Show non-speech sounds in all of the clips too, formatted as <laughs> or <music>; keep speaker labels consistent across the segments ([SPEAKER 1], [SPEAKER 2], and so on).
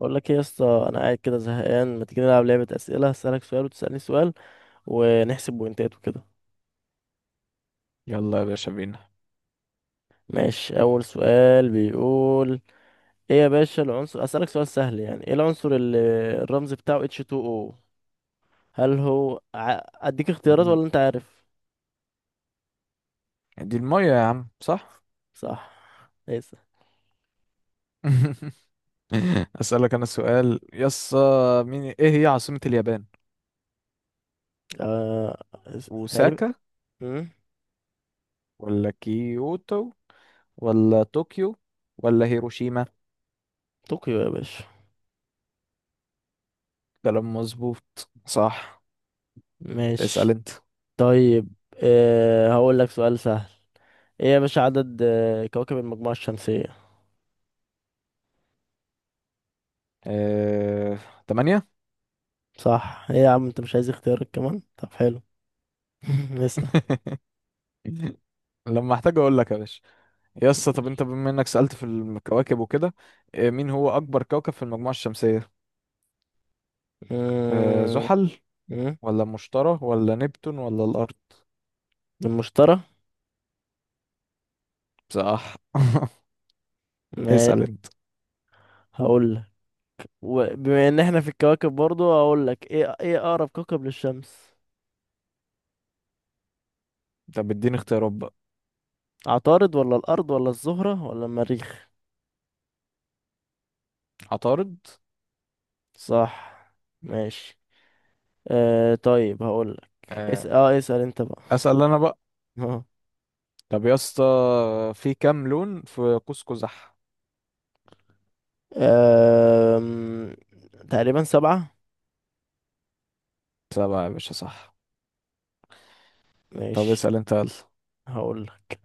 [SPEAKER 1] بقول لك ايه يا اسطى، انا قاعد كده زهقان، ما تيجي نلعب لعبه اسئله؟ هسألك سؤال وتسألني سؤال ونحسب بوينتات وكده.
[SPEAKER 2] يلا يا باشا بينا.
[SPEAKER 1] ماشي، اول سؤال بيقول: ايه يا باشا العنصر؟ اسألك سؤال سهل، يعني ايه العنصر اللي الرمز بتاعه H2O؟ هل هو اديك اختيارات
[SPEAKER 2] الم-
[SPEAKER 1] ولا انت عارف؟
[SPEAKER 2] دي المية يا عم، صح؟
[SPEAKER 1] صح. ليس.
[SPEAKER 2] <laughs> أسألك أنا سؤال يس مين إيه هي عاصمة اليابان؟
[SPEAKER 1] آه... تقريبا.
[SPEAKER 2] اوساكا
[SPEAKER 1] مم،
[SPEAKER 2] ولا كيوتو ولا طوكيو ولا هيروشيما؟
[SPEAKER 1] طوكيو يا باشا.
[SPEAKER 2] كلام مظبوط، صح. اسأل
[SPEAKER 1] ماشي.
[SPEAKER 2] أنت.
[SPEAKER 1] طيب، هقول لك سؤال سهل. ايه يا باشا عدد كواكب المجموعه الشمسيه؟
[SPEAKER 2] اه... 8.
[SPEAKER 1] صح. ايه يا عم، انت مش عايز اختيارك كمان؟ طب حلو. <laughs> نسأل.
[SPEAKER 2] <laughs> لما احتاج اقول لك يا باشا. طب انت بما انك سألت في الكواكب وكده، مين هو اكبر كوكب في المجموعة الشمسية؟
[SPEAKER 1] أمم،
[SPEAKER 2] زحل
[SPEAKER 1] أمم،
[SPEAKER 2] ولا مشتري ولا نبتون ولا الارض؟
[SPEAKER 1] المشتري.
[SPEAKER 2] صح. <laughs>
[SPEAKER 1] ما
[SPEAKER 2] اسأل انت.
[SPEAKER 1] هقول لك، وبما ان احنا في الكواكب برضو، هقول لك ايه ايه اقرب كوكب للشمس؟
[SPEAKER 2] طب اديني اختيارات بقى.
[SPEAKER 1] عطارد ولا الارض ولا الزهرة ولا المريخ؟
[SPEAKER 2] عطارد.
[SPEAKER 1] صح. ماشي. آه طيب هقول لك اس
[SPEAKER 2] آه،
[SPEAKER 1] اه اسأل انت بقى.
[SPEAKER 2] اسأل انا بقى.
[SPEAKER 1] اه.
[SPEAKER 2] طب يا اسطى، في كام لون في قوس قزح؟
[SPEAKER 1] آم، تقريبا سبعة.
[SPEAKER 2] 7 يا باشا، صح. طب
[SPEAKER 1] ماشي.
[SPEAKER 2] اسأل انت يلا.
[SPEAKER 1] هقول لك: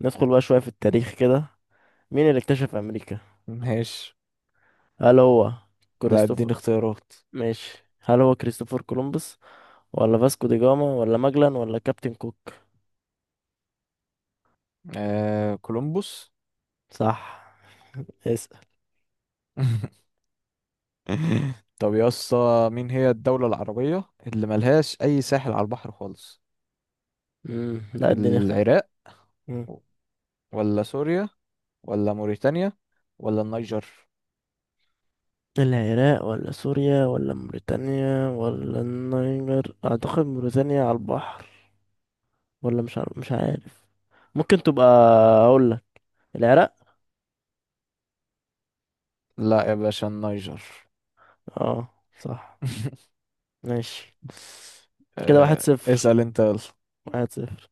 [SPEAKER 1] ندخل بقى شوية في التاريخ كده. مين اللي اكتشف امريكا؟
[SPEAKER 2] ماشي،
[SPEAKER 1] هل هو
[SPEAKER 2] لا
[SPEAKER 1] كريستوفر؟
[SPEAKER 2] اديني اختيارات.
[SPEAKER 1] ماشي، هل هو كريستوفر كولومبوس ولا فاسكو دي جاما ولا ماجلان ولا كابتن كوك؟
[SPEAKER 2] آه، كولومبوس.
[SPEAKER 1] صح. اسأل.
[SPEAKER 2] <laughs> طب يا اسطى، مين هي الدولة العربية اللي ملهاش أي ساحل على البحر خالص؟
[SPEAKER 1] مم. لا اديني
[SPEAKER 2] العراق
[SPEAKER 1] مم.
[SPEAKER 2] ولا سوريا ولا موريتانيا ولا النيجر؟
[SPEAKER 1] العراق ولا سوريا ولا موريتانيا ولا النيجر؟ اعتقد موريتانيا على البحر، ولا مش عارف، مش عارف. ممكن تبقى، اقول لك العراق.
[SPEAKER 2] لا يا باشا، النيجر.
[SPEAKER 1] اه، صح.
[SPEAKER 2] <laughs>
[SPEAKER 1] ماشي، كده واحد صفر،
[SPEAKER 2] اسأل انت يلا.
[SPEAKER 1] واحد صفر.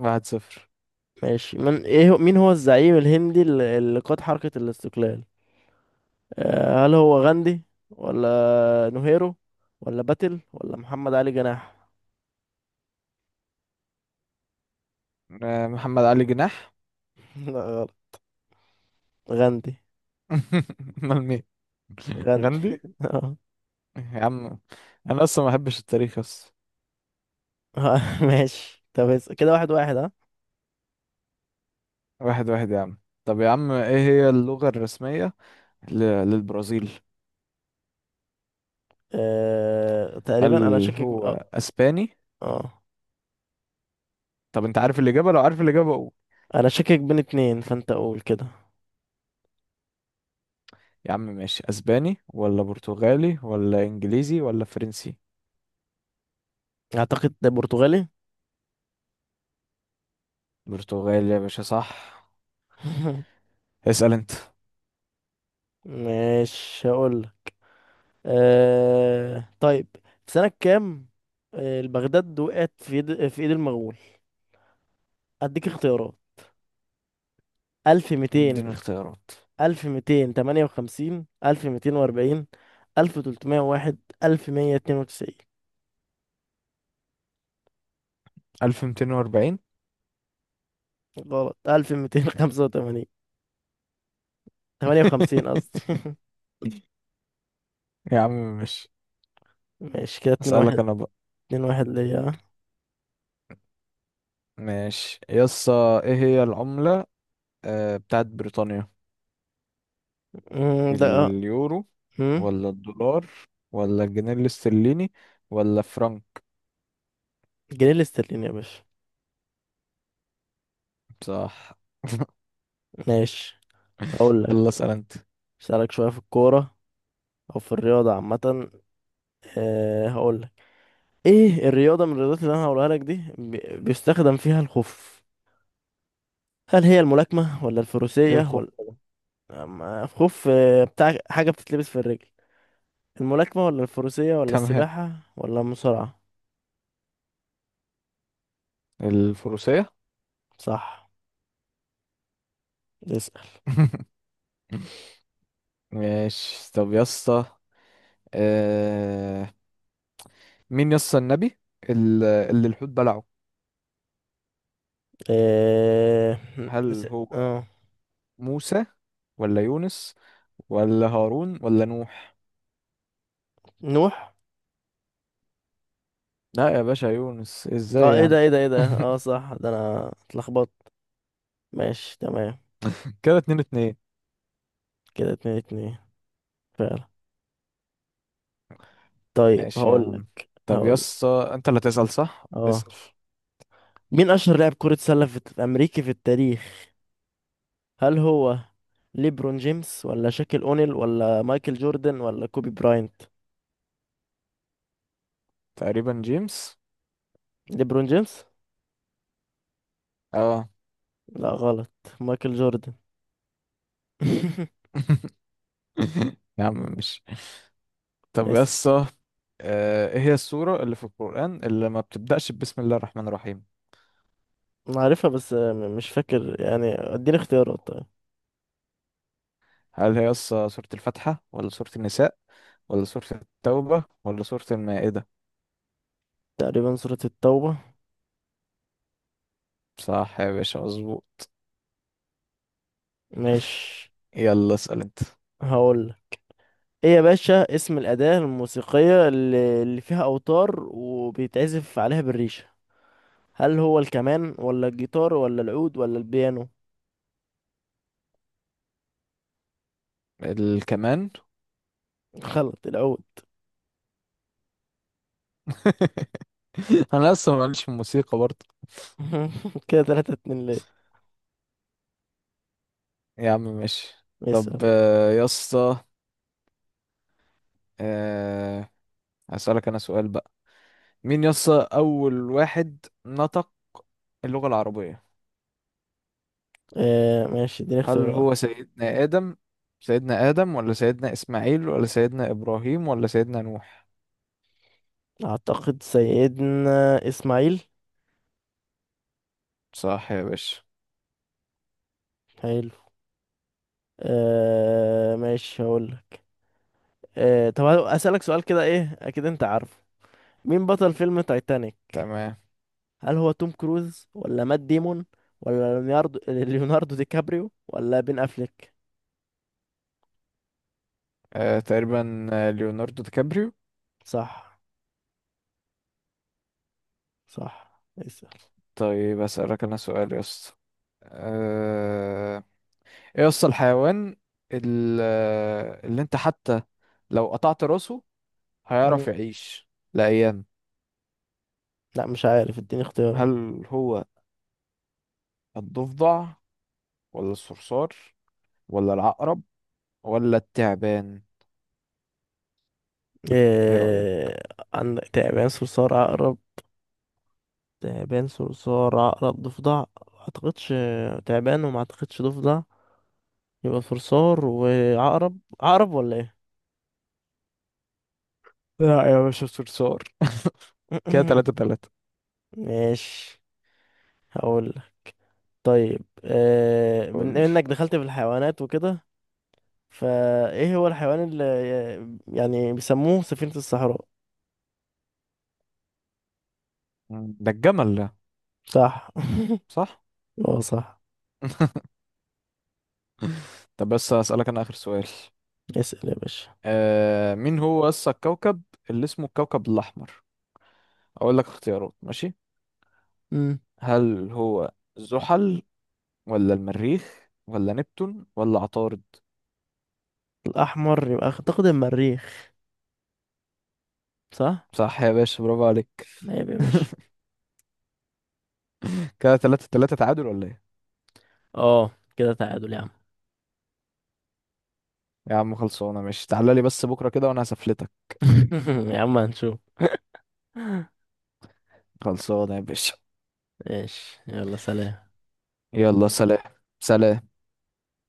[SPEAKER 2] 1-0.
[SPEAKER 1] ماشي. من مين هو الزعيم الهندي اللي قاد حركة الاستقلال؟ هل هو غاندي ولا نهيرو ولا باتل ولا محمد علي جناح؟
[SPEAKER 2] محمد علي جناح.
[SPEAKER 1] <laughs> لا غلط، غاندي.
[SPEAKER 2] <laughs> امال مين؟
[SPEAKER 1] غاندي.
[SPEAKER 2] غندي
[SPEAKER 1] <laughs> آه.
[SPEAKER 2] يا عم، انا اصلا ما بحبش التاريخ اصلا.
[SPEAKER 1] ماشي. طب كده واحد واحد، ها.
[SPEAKER 2] 1-1 يا عم. طب يا عم، ايه هي اللغة الرسمية ل- للبرازيل؟
[SPEAKER 1] أه تقريبا، انا
[SPEAKER 2] هل
[SPEAKER 1] شاكك
[SPEAKER 2] هو اسباني؟
[SPEAKER 1] آه.
[SPEAKER 2] طب انت عارف الاجابة؟ لو عارف الاجابة قول.
[SPEAKER 1] انا شاكك بين اتنين، فانت قول كده.
[SPEAKER 2] يا عم ماشي، اسباني ولا برتغالي ولا انجليزي ولا فرنسي؟
[SPEAKER 1] اعتقد ده برتغالي.
[SPEAKER 2] برتغالي يا باشا، صح.
[SPEAKER 1] <laughs>
[SPEAKER 2] اسأل انت.
[SPEAKER 1] ماشي هقول لك. أه طيب، في سنة كام البغداد وقعت في يد في ايد المغول؟ اديك اختيارات: 1200،
[SPEAKER 2] اديني اختيارات.
[SPEAKER 1] ألف ميتين تمانية وخمسين، ألف ميتين وأربعين، ألف تلتمية واحد، ألف مية اتنين وتسعين.
[SPEAKER 2] 1240.
[SPEAKER 1] غلط، ألف ميتين خمسة وتمانين. تمانية وخمسين قصدي.
[SPEAKER 2] <laughs>
[SPEAKER 1] <laughs>
[SPEAKER 2] يا عم مش.
[SPEAKER 1] ماشي، كده اتنين
[SPEAKER 2] اسالك
[SPEAKER 1] واحد،
[SPEAKER 2] انا بقى.
[SPEAKER 1] اتنين واحد ليا.
[SPEAKER 2] ماشي. ايه هي العملة بتاعت بريطانيا؟
[SPEAKER 1] ده أه.
[SPEAKER 2] اليورو
[SPEAKER 1] أمم،
[SPEAKER 2] ولا الدولار ولا الجنيه الاسترليني ولا فرنك؟
[SPEAKER 1] جنيه الاسترليني يا باشا.
[SPEAKER 2] صح. <laughs>
[SPEAKER 1] ماشي. هقول
[SPEAKER 2] يلا
[SPEAKER 1] لك:
[SPEAKER 2] اسال انت.
[SPEAKER 1] أسألك شوية في الكورة أو في الرياضة عامة. أه، هقول لك: إيه الرياضة من الرياضات اللي أنا هقولها لك دي بيستخدم فيها الخوف؟ هل هي الملاكمة ولا
[SPEAKER 2] ايه الخوف
[SPEAKER 1] الفروسية؟
[SPEAKER 2] ده؟
[SPEAKER 1] أما خوف، بتاع حاجة بتتلبس في الرجل. الملاكمة ولا الفروسية ولا
[SPEAKER 2] تمام.
[SPEAKER 1] السباحة ولا المصارعة؟
[SPEAKER 2] الفروسية.
[SPEAKER 1] صح. اسأل.
[SPEAKER 2] <laughs> ماشي، طب آه... مين النبي اللي الحوت بلعه؟
[SPEAKER 1] اه. اس-
[SPEAKER 2] هل هو
[SPEAKER 1] آه.
[SPEAKER 2] موسى ولا يونس ولا هارون ولا نوح؟
[SPEAKER 1] نوح.
[SPEAKER 2] لا يا باشا، يونس. ازاي
[SPEAKER 1] اه، ايه ده
[SPEAKER 2] يعني؟
[SPEAKER 1] ايه ده ايه ده، اه
[SPEAKER 2] <laughs>
[SPEAKER 1] صح، ده انا اتلخبطت. ماشي تمام،
[SPEAKER 2] كده 2-2.
[SPEAKER 1] كده اتنين اتنين، فعلا. طيب
[SPEAKER 2] ماشي يا عم.
[SPEAKER 1] هقولك
[SPEAKER 2] طب
[SPEAKER 1] هقول
[SPEAKER 2] انت اللي تسأل، صح،
[SPEAKER 1] اه:
[SPEAKER 2] اسأل.
[SPEAKER 1] مين اشهر لاعب كرة سلة في امريكي في التاريخ؟ هل هو ليبرون جيمس ولا شاكيل اونيل ولا مايكل جوردن ولا كوبي براينت؟
[SPEAKER 2] تقريبا جيمس.
[SPEAKER 1] ليبرون جيمس.
[SPEAKER 2] اه.
[SPEAKER 1] لا غلط، مايكل جوردن. <laughs>
[SPEAKER 2] <laughs> يا عم مش. طب
[SPEAKER 1] اسم.
[SPEAKER 2] ايه هي السورة اللي في القرآن اللي ما بتبدأش بسم الله الرحمن الرحيم؟
[SPEAKER 1] أنا عارفها بس مش فاكر، يعني اديني اختيارات طيب.
[SPEAKER 2] هل هي سورة الفاتحة ولا سورة النساء ولا سورة التوبة ولا سورة المائدة؟
[SPEAKER 1] تقريبا سورة التوبة.
[SPEAKER 2] صح يا باشا، مظبوط.
[SPEAKER 1] ماشي.
[SPEAKER 2] يلا اسأل انت.
[SPEAKER 1] هقول: ايه يا باشا اسم الأداة الموسيقية اللي فيها أوتار وبيتعزف عليها بالريشة؟ هل هو الكمان ولا الجيتار ولا العود ولا البيانو؟
[SPEAKER 2] الكمان.
[SPEAKER 1] غلط، العود.
[SPEAKER 2] <laughs> انا اصلا ماليش في الموسيقى برضه.
[SPEAKER 1] <laughs> كده تلاتة اتنين ليه.
[SPEAKER 2] يا عم ماشي. طب
[SPEAKER 1] اسأل.
[SPEAKER 2] يا اسطى، آه، هسألك انا سؤال بقى. مين يا اسطى اول واحد نطق اللغة العربية؟
[SPEAKER 1] آه ماشي، اديني
[SPEAKER 2] هل
[SPEAKER 1] اختيارات.
[SPEAKER 2] هو سيدنا آدم؟ سيدنا آدم ولا سيدنا إسماعيل ولا سيدنا إبراهيم ولا سيدنا نوح؟
[SPEAKER 1] أعتقد سيدنا إسماعيل.
[SPEAKER 2] صح يا باشا.
[SPEAKER 1] حلو. آه ماشي، هقول. آه طب أسألك سؤال كده، ايه، اكيد انت عارفه: مين بطل فيلم تايتانيك؟
[SPEAKER 2] تمام.
[SPEAKER 1] هل هو توم كروز ولا مات ديمون ولا ليوناردو دي كابريو ولا بين افليك؟
[SPEAKER 2] تقريبا ليوناردو دي كابريو.
[SPEAKER 1] صح. صح، اسأل.
[SPEAKER 2] طيب هسألك انا سؤال يا اسطى. آه، ايه يا اسطى الحيوان اللي انت حتى لو قطعت راسه هيعرف
[SPEAKER 1] مم.
[SPEAKER 2] يعيش لأيام؟
[SPEAKER 1] لا مش عارف، اديني اختيار.
[SPEAKER 2] هل هو الضفدع ولا الصرصار ولا العقرب ولا التعبان؟ ايه رأيك؟
[SPEAKER 1] آه. عندك تعبان صرصار عقرب، تعبان صرصار عقرب ضفدع. ما اعتقدش تعبان، وما اعتقدش ضفدع. يبقى صرصار وعقرب، عقرب ولا ايه؟
[SPEAKER 2] لا يا باشا، الصرصار. كده تلاتة
[SPEAKER 1] <clears throat> <laughs>
[SPEAKER 2] تلاتة
[SPEAKER 1] ماشي. هقول لك: طيب
[SPEAKER 2] قولي.
[SPEAKER 1] بما انك دخلت في الحيوانات وكده، فايه هو الحيوان اللي يعني بيسموه سفينة الصحراء؟
[SPEAKER 2] ده الجمل ده.
[SPEAKER 1] صح.
[SPEAKER 2] صح.
[SPEAKER 1] <laughs> اه صح.
[SPEAKER 2] <laughs> طب بس هسألك أنا آخر سؤال.
[SPEAKER 1] اسأل يا باشا.
[SPEAKER 2] مين هو أصل الكوكب اللي اسمه الكوكب الأحمر؟ أقول لك اختيارات؟ ماشي.
[SPEAKER 1] مم.
[SPEAKER 2] هل هو زحل ولا المريخ ولا نبتون ولا عطارد؟
[SPEAKER 1] الأحمر يبقى أعتقد المريخ. صح.
[SPEAKER 2] صح يا باشا، برافو عليك.
[SPEAKER 1] عيب يا باشا.
[SPEAKER 2] <laughs> كده 3-3، تعادل ولا ايه؟
[SPEAKER 1] اه، كده تعادل يا عم.
[SPEAKER 2] يا عم خلصانة. ماشي، تعالى لي بس بكرة كده وانا هسفلتك.
[SPEAKER 1] <laughs> يا عم هنشوف. <laughs>
[SPEAKER 2] خلصانة يا باشا.
[SPEAKER 1] ماشي، يلا سلام.
[SPEAKER 2] يلا، سلام. سلام.